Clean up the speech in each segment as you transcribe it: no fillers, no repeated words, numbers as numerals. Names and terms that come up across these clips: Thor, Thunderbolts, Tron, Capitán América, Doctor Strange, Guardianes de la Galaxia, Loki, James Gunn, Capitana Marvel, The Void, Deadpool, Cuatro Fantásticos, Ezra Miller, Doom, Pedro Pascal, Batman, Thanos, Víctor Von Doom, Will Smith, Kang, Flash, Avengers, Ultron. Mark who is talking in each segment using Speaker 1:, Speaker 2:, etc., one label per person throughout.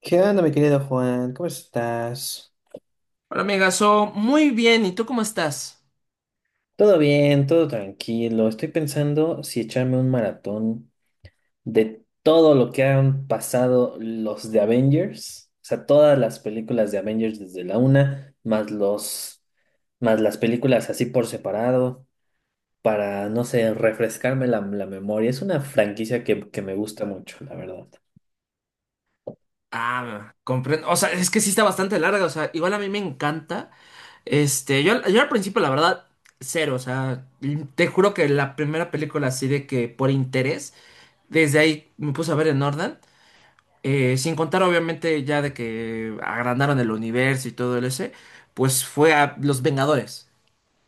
Speaker 1: ¿Qué onda, mi querido Juan? ¿Cómo estás?
Speaker 2: Hola, amiga, muy bien. ¿Y tú cómo estás?
Speaker 1: Todo bien, todo tranquilo. Estoy pensando si echarme un maratón de todo lo que han pasado los de Avengers. O sea, todas las películas de Avengers desde la una, más los, más las películas así por separado, para, no sé, refrescarme la memoria. Es una franquicia que me gusta mucho, la verdad.
Speaker 2: Ah, comprendo. O sea, es que sí está bastante larga. O sea, igual a mí me encanta. Yo al principio, la verdad, cero. O sea, te juro que la primera película así de que por interés, desde ahí me puse a ver en orden. Sin contar, obviamente, ya de que agrandaron el universo y todo el ese, pues fue a Los Vengadores.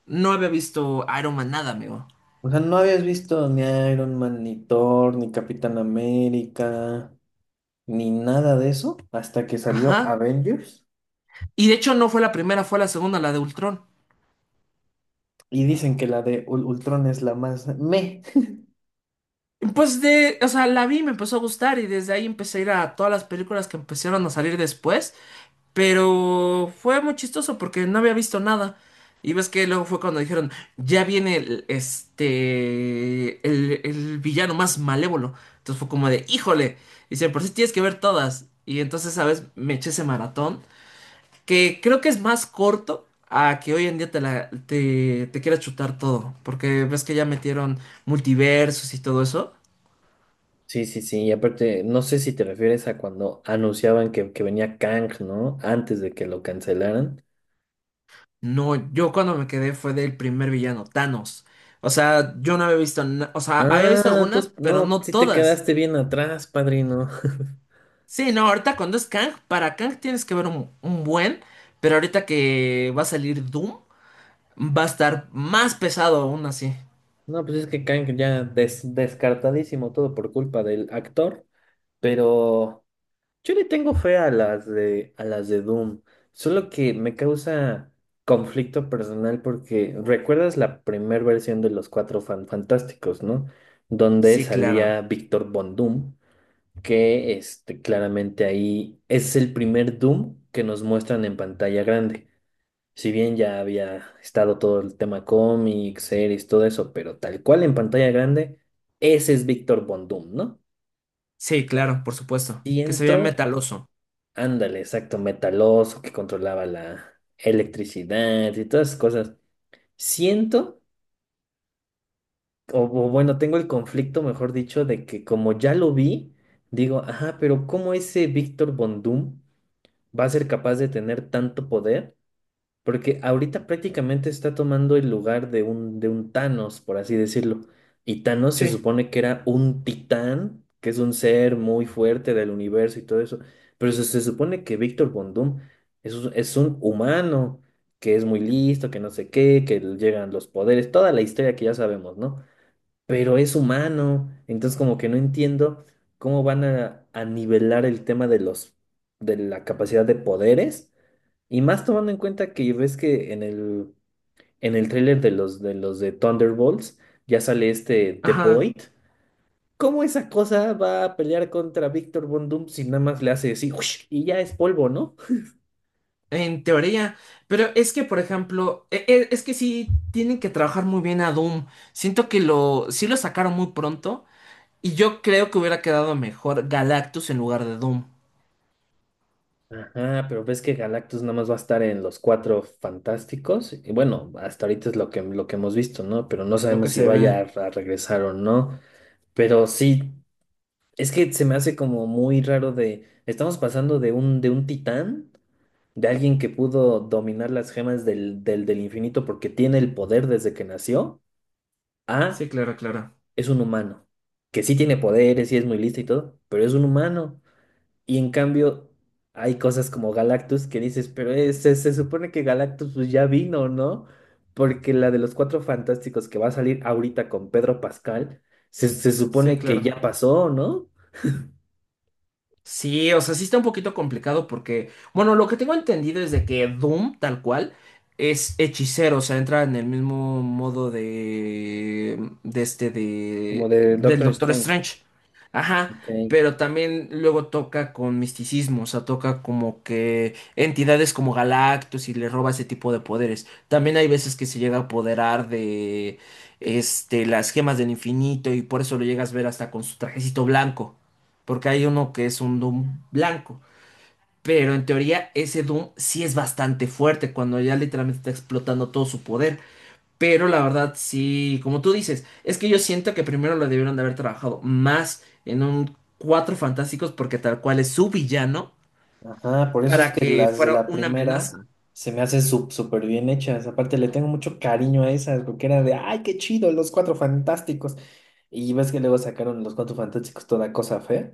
Speaker 2: No había visto Iron Man nada, amigo.
Speaker 1: O sea, no habías visto ni Iron Man, ni Thor, ni Capitán América, ni nada de eso hasta que salió
Speaker 2: Ajá.
Speaker 1: Avengers,
Speaker 2: Y de hecho, no fue la primera, fue la segunda, la de Ultron.
Speaker 1: y dicen que la de Ultron es la más meh.
Speaker 2: Pues de, o sea, la vi, me empezó a gustar y desde ahí empecé a ir a todas las películas que empezaron a salir después, pero fue muy chistoso porque no había visto nada. Y ves que luego fue cuando dijeron, ya viene el villano más malévolo. Entonces fue como de, híjole, dice, por si tienes que ver todas. Y entonces, ¿sabes? Me eché ese maratón, que creo que es más corto a que hoy en día te, la, te quieras chutar todo, porque ves que ya metieron multiversos y todo eso.
Speaker 1: Sí, sí, sí. Y aparte, no sé si te refieres a cuando anunciaban que venía Kang, ¿no? Antes de que lo cancelaran.
Speaker 2: No, yo cuando me quedé fue del primer villano, Thanos. O sea, yo no había visto, na- o sea, había visto
Speaker 1: Ah,
Speaker 2: algunas,
Speaker 1: tú
Speaker 2: pero
Speaker 1: no,
Speaker 2: no
Speaker 1: sí te
Speaker 2: todas.
Speaker 1: quedaste bien atrás, padrino.
Speaker 2: Sí, no, ahorita cuando es Kang, para Kang tienes que ver un buen, pero ahorita que va a salir Doom, va a estar más pesado aún así.
Speaker 1: No, pues es que Kang ya descartadísimo todo por culpa del actor, pero. Yo le tengo fe a a las de Doom, solo que me causa conflicto personal porque recuerdas la primera versión de los Cuatro Fantásticos, ¿no? Donde
Speaker 2: Sí, claro.
Speaker 1: salía Víctor Von Doom, que este, claramente ahí es el primer Doom que nos muestran en pantalla grande. Si bien ya había estado todo el tema cómics, series, todo eso, pero tal cual en pantalla grande, ese es Víctor Von Doom, ¿no?
Speaker 2: Sí, claro, por supuesto. Que se vea
Speaker 1: Siento,
Speaker 2: metaloso.
Speaker 1: ándale, exacto, metaloso que controlaba la electricidad y todas esas cosas. Siento, o bueno, tengo el conflicto, mejor dicho, de que como ya lo vi, digo, ajá, pero ¿cómo ese Víctor Von Doom va a ser capaz de tener tanto poder? Porque ahorita prácticamente está tomando el lugar de un Thanos, por así decirlo. Y Thanos se
Speaker 2: Sí.
Speaker 1: supone que era un titán, que es un ser muy fuerte del universo y todo eso. Pero se supone que Víctor Von Doom es, es un humano, que es muy listo, que no sé qué, que le llegan los poderes, toda la historia que ya sabemos, ¿no? Pero es humano, entonces como que no entiendo cómo van a nivelar el tema de los, de la capacidad de poderes, y más tomando en cuenta que ves que en el tráiler de los de Thunderbolts ya sale este The
Speaker 2: Ajá,
Speaker 1: Void. ¿Cómo esa cosa va a pelear contra Victor Von Doom si nada más le hace así ¡ush! Y ya es polvo, ¿no?
Speaker 2: en teoría. Pero es que, por ejemplo, es que sí tienen que trabajar muy bien a Doom. Siento que lo, sí lo sacaron muy pronto. Y yo creo que hubiera quedado mejor Galactus en lugar de Doom.
Speaker 1: Ajá, pero ves que Galactus nada más va a estar en los cuatro fantásticos. Y bueno, hasta ahorita es lo que hemos visto, ¿no? Pero no
Speaker 2: Lo que
Speaker 1: sabemos si
Speaker 2: se ve.
Speaker 1: vaya a regresar o no. Pero sí, es que se me hace como muy raro de. Estamos pasando de un titán, de alguien que pudo dominar las gemas del infinito porque tiene el poder desde que nació, a
Speaker 2: Sí, claro, claro.
Speaker 1: es un humano, que sí tiene poderes y es muy listo y todo, pero es un humano. Y en cambio, hay cosas como Galactus que dices, pero se, se supone que Galactus pues, ya vino, ¿no? Porque la de los Cuatro Fantásticos que va a salir ahorita con Pedro Pascal, se
Speaker 2: Sí,
Speaker 1: supone que
Speaker 2: claro.
Speaker 1: ya pasó, ¿no?
Speaker 2: Sí, o sea, sí está un poquito complicado porque, bueno, lo que tengo entendido es de que Doom, tal cual, es hechicero, o sea, entra en el mismo modo
Speaker 1: Como de
Speaker 2: del
Speaker 1: Doctor
Speaker 2: Doctor
Speaker 1: Strange.
Speaker 2: Strange. Ajá,
Speaker 1: Ok.
Speaker 2: pero también luego toca con misticismo, o sea, toca como que entidades como Galactus y le roba ese tipo de poderes. También hay veces que se llega a apoderar de, este, las gemas del infinito y por eso lo llegas a ver hasta con su trajecito blanco porque hay uno que es un Doom blanco. Pero en teoría ese Doom sí es bastante fuerte cuando ya literalmente está explotando todo su poder. Pero la verdad sí, como tú dices, es que yo siento que primero lo debieron de haber trabajado más en un Cuatro Fantásticos porque tal cual es su villano
Speaker 1: Ajá, por eso es
Speaker 2: para
Speaker 1: que
Speaker 2: que
Speaker 1: las de
Speaker 2: fuera
Speaker 1: la
Speaker 2: una
Speaker 1: primera
Speaker 2: amenaza.
Speaker 1: se me hacen súper bien hechas. Aparte, le tengo mucho cariño a esas, porque era de, ay, qué chido, los cuatro fantásticos. Y ves que luego sacaron los cuatro fantásticos toda cosa fea,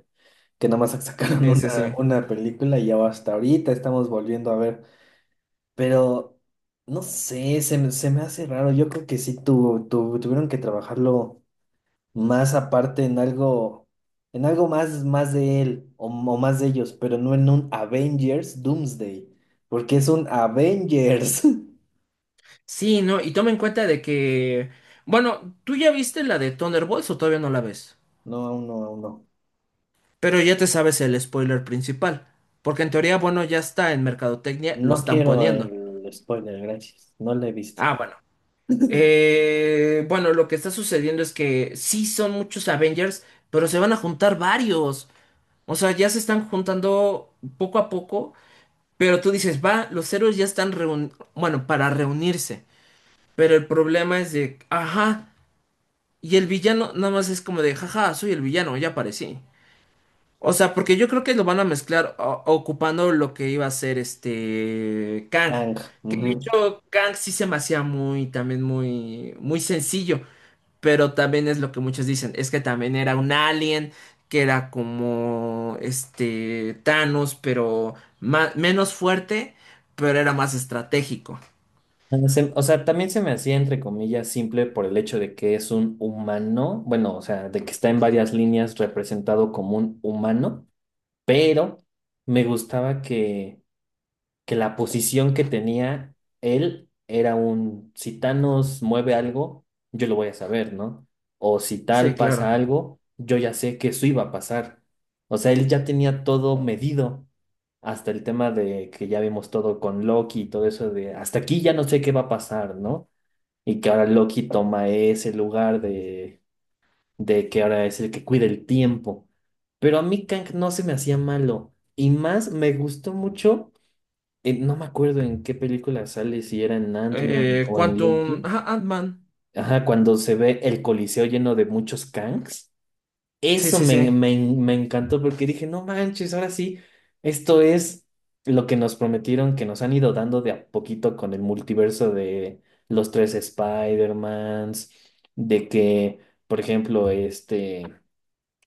Speaker 1: que nomás sacaron
Speaker 2: Sí, sí, sí.
Speaker 1: una película y ya hasta ahorita estamos volviendo a ver. Pero, no sé, se, se me hace raro. Yo creo que sí tuvo, tuvieron que trabajarlo más aparte en algo más, más de él o más de ellos, pero no en un Avengers Doomsday, porque es un Avengers.
Speaker 2: Sí, no, y toma en cuenta de que, bueno, ¿tú ya viste la de Thunderbolts o todavía no la ves?
Speaker 1: No, aún no, aún no.
Speaker 2: Pero ya te sabes el spoiler principal, porque en teoría, bueno, ya está en Mercadotecnia, lo
Speaker 1: No
Speaker 2: están
Speaker 1: quiero
Speaker 2: poniendo.
Speaker 1: el spoiler, gracias. No lo he visto.
Speaker 2: Ah, bueno. Bueno, lo que está sucediendo es que sí son muchos Avengers, pero se van a juntar varios. O sea, ya se están juntando poco a poco, pero tú dices, va, los héroes ya están reun- bueno, para reunirse. Pero el problema es de, ajá, y el villano nada más es como de, jaja, soy el villano, ya aparecí. O sea, porque yo creo que lo van a mezclar o- ocupando lo que iba a ser este Kang.
Speaker 1: Kang,
Speaker 2: Que
Speaker 1: ujú.
Speaker 2: de hecho Kang sí se me hacía muy, también muy, muy sencillo. Pero también es lo que muchos dicen, es que también era un alien, que era como este Thanos, pero ma- menos fuerte, pero era más estratégico.
Speaker 1: No sé, o sea, también se me hacía entre comillas simple por el hecho de que es un humano, bueno, o sea, de que está en varias líneas representado como un humano, pero me gustaba que la posición que tenía él era un, si Thanos mueve algo, yo lo voy a saber, ¿no? O si
Speaker 2: Sí,
Speaker 1: tal pasa
Speaker 2: claro.
Speaker 1: algo, yo ya sé que eso iba a pasar. O sea, él ya tenía todo medido, hasta el tema de que ya vimos todo con Loki y todo eso de, hasta aquí ya no sé qué va a pasar, ¿no? Y que ahora Loki toma ese lugar de que ahora es el que cuida el tiempo. Pero a mí Kang no se me hacía malo. Y más me gustó mucho, no me acuerdo en qué película sale, si era en Ant-Man o en
Speaker 2: Quantum,
Speaker 1: Loki.
Speaker 2: ajá, Ant-Man.
Speaker 1: Ajá, cuando se ve el Coliseo lleno de muchos Kangs.
Speaker 2: Sí,
Speaker 1: Eso
Speaker 2: sí, sí.
Speaker 1: me encantó porque dije, no manches, ahora sí, esto es lo que nos prometieron, que nos han ido dando de a poquito con el multiverso de los tres Spider-Mans, de que, por ejemplo, este...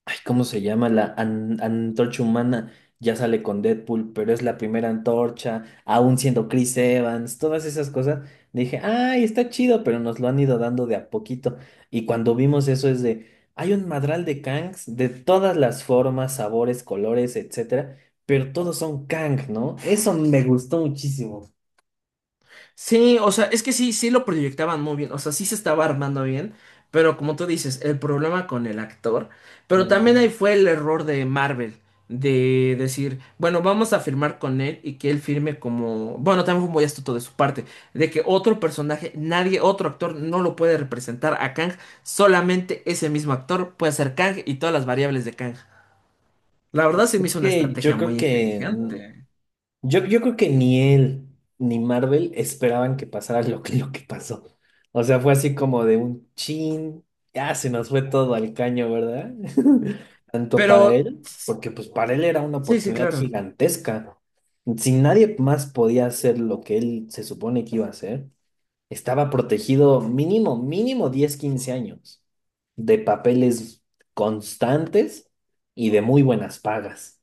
Speaker 1: Ay, ¿cómo se llama? La antorcha humana ya sale con Deadpool, pero es la primera antorcha, aún siendo Chris Evans, todas esas cosas. Dije, ay, está chido, pero nos lo han ido dando de a poquito. Y cuando vimos eso es de, hay un madral de Kangs de todas las formas, sabores, colores, etcétera, pero todos son Kang, ¿no? Eso me gustó muchísimo.
Speaker 2: Sí, o sea, es que sí, sí lo proyectaban muy bien, o sea, sí se estaba armando bien, pero como tú dices, el problema con el actor, pero también
Speaker 1: Ujú.
Speaker 2: ahí fue el error de Marvel, de decir, bueno, vamos a firmar con él y que él firme como, bueno, también fue muy astuto de su parte, de que otro personaje, nadie, otro actor no lo puede representar a Kang, solamente ese mismo actor puede ser Kang y todas las variables de Kang. La verdad se me hizo una
Speaker 1: Que
Speaker 2: estrategia
Speaker 1: yo creo
Speaker 2: muy
Speaker 1: que
Speaker 2: inteligente,
Speaker 1: yo, creo que ni él ni Marvel esperaban que pasara lo que pasó. O sea, fue así como de un chin, ya se nos fue todo al caño, ¿verdad? Tanto para
Speaker 2: pero...
Speaker 1: él, porque pues para él era una
Speaker 2: Sí, sí,
Speaker 1: oportunidad
Speaker 2: claro.
Speaker 1: gigantesca. Si nadie más podía hacer lo que él se supone que iba a hacer, estaba protegido mínimo, mínimo 10 15 años de papeles constantes y de muy buenas pagas.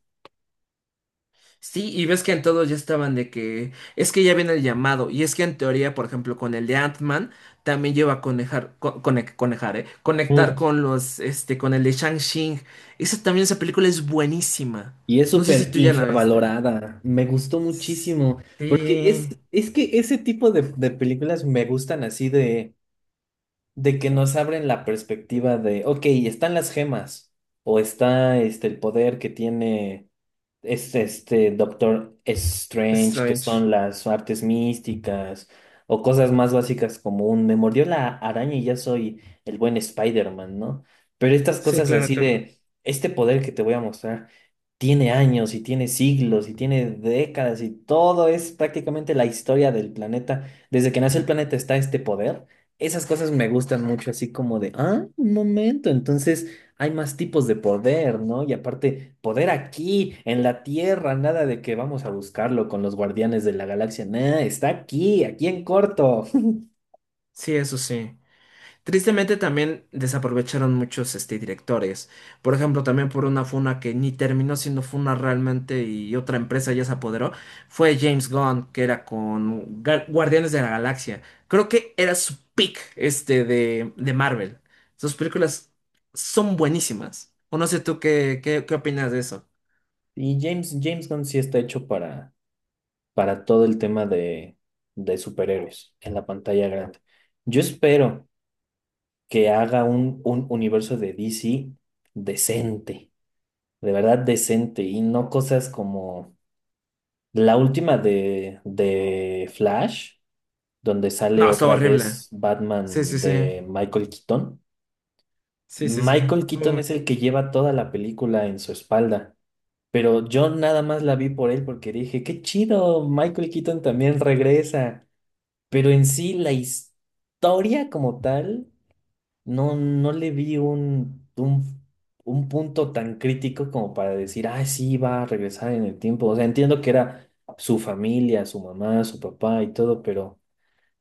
Speaker 2: Sí, y ves que en todos ya estaban de que es que ya viene el llamado, y es que en teoría, por ejemplo, con el de Ant-Man también lleva a conejar, co- cone- conejar, conectar con los, este, con el de Shang-Chi. Esa también, esa película es buenísima.
Speaker 1: Y es
Speaker 2: No sé si
Speaker 1: súper
Speaker 2: tú ya la viste.
Speaker 1: infravalorada. Me gustó muchísimo. Porque
Speaker 2: Sí,
Speaker 1: es que ese tipo de películas me gustan así de que nos abren la perspectiva de, ok, están las gemas o está este, el poder que tiene es este Doctor Strange, que
Speaker 2: Strange.
Speaker 1: son las artes místicas o cosas más básicas como un me mordió la araña y ya soy el buen Spider-Man, ¿no? Pero estas
Speaker 2: Sí,
Speaker 1: cosas
Speaker 2: claro,
Speaker 1: así
Speaker 2: claro.
Speaker 1: de este poder que te voy a mostrar tiene años y tiene siglos y tiene décadas y todo es prácticamente la historia del planeta. Desde que nace el planeta está este poder. Esas cosas me gustan mucho, así como de, ah, un momento, entonces hay más tipos de poder, ¿no? Y aparte, poder aquí, en la Tierra, nada de que vamos a buscarlo con los guardianes de la galaxia, nada, está aquí, aquí en corto.
Speaker 2: Sí, eso sí. Tristemente también desaprovecharon muchos este, directores. Por ejemplo, también por una funa que ni terminó siendo funa realmente y otra empresa ya se apoderó, fue James Gunn, que era con Ga- Guardianes de la Galaxia. Creo que era su pick este, de Marvel. Sus películas son buenísimas. O no sé tú qué opinas de eso.
Speaker 1: Y James Gunn sí está hecho para todo el tema de superhéroes en la pantalla grande. Yo espero que haga un universo de DC decente, de verdad decente, y no cosas como... La última de Flash, donde sale
Speaker 2: No, está
Speaker 1: otra
Speaker 2: horrible.
Speaker 1: vez
Speaker 2: Sí, sí,
Speaker 1: Batman
Speaker 2: sí.
Speaker 1: de Michael Keaton.
Speaker 2: Sí, sí, sí.
Speaker 1: Michael Keaton es el que lleva toda la película en su espalda, pero yo nada más la vi por él porque dije, qué chido, Michael Keaton también regresa, pero en sí la historia como tal no, no le vi un punto tan crítico como para decir, ah, sí, va a regresar en el tiempo. O sea, entiendo que era su familia, su mamá, su papá y todo,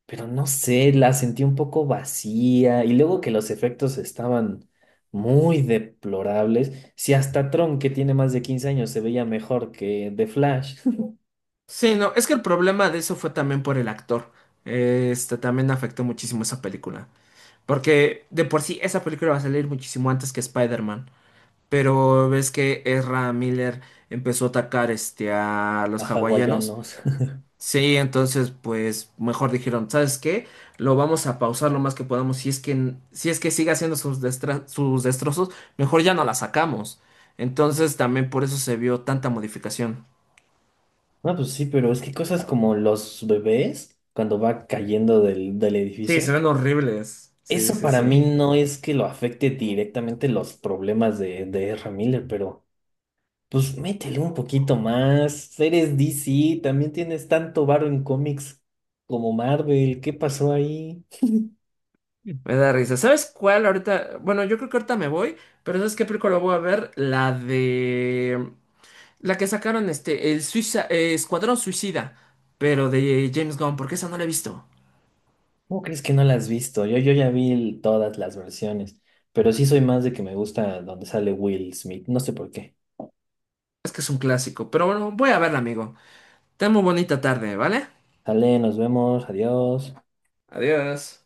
Speaker 1: pero no sé, la sentí un poco vacía. Y luego que los efectos estaban muy deplorables. Si hasta Tron, que tiene más de 15 años, se veía mejor que The Flash,
Speaker 2: Sí, no, es que el problema de eso fue también por el actor. Este también afectó muchísimo esa película. Porque de por sí esa película va a salir muchísimo antes que Spider-Man. Pero ves que Ezra Miller empezó a atacar este, a
Speaker 1: a
Speaker 2: los hawaianos.
Speaker 1: hawaianos.
Speaker 2: Sí, entonces pues mejor dijeron, ¿sabes qué? Lo vamos a pausar lo más que podamos. Si es que sigue haciendo sus, destra- sus destrozos, mejor ya no la sacamos. Entonces también por eso se vio tanta modificación.
Speaker 1: No, pues sí, pero es que cosas como los bebés, cuando va cayendo del, del
Speaker 2: Sí, se
Speaker 1: edificio.
Speaker 2: ven horribles. Sí,
Speaker 1: Eso
Speaker 2: sí,
Speaker 1: para mí
Speaker 2: sí.
Speaker 1: no es que lo afecte directamente los problemas de Ezra Miller, pero pues métele un poquito más. Eres DC, también tienes tanto varo en cómics como Marvel. ¿Qué pasó ahí?
Speaker 2: Me da risa. ¿Sabes cuál ahorita? Bueno, yo creo que ahorita me voy, pero ¿sabes qué película voy a ver? La de... La que sacaron este, el Suiza, Escuadrón Suicida, pero de James Gunn, porque esa no la he visto.
Speaker 1: ¿Cómo crees que no las has visto? Yo ya vi todas las versiones, pero sí soy más de que me gusta donde sale Will Smith. No sé por qué.
Speaker 2: Es que es un clásico, pero bueno, voy a verla, amigo. Ten muy bonita tarde, ¿vale?
Speaker 1: Sale, nos vemos, adiós.
Speaker 2: Adiós.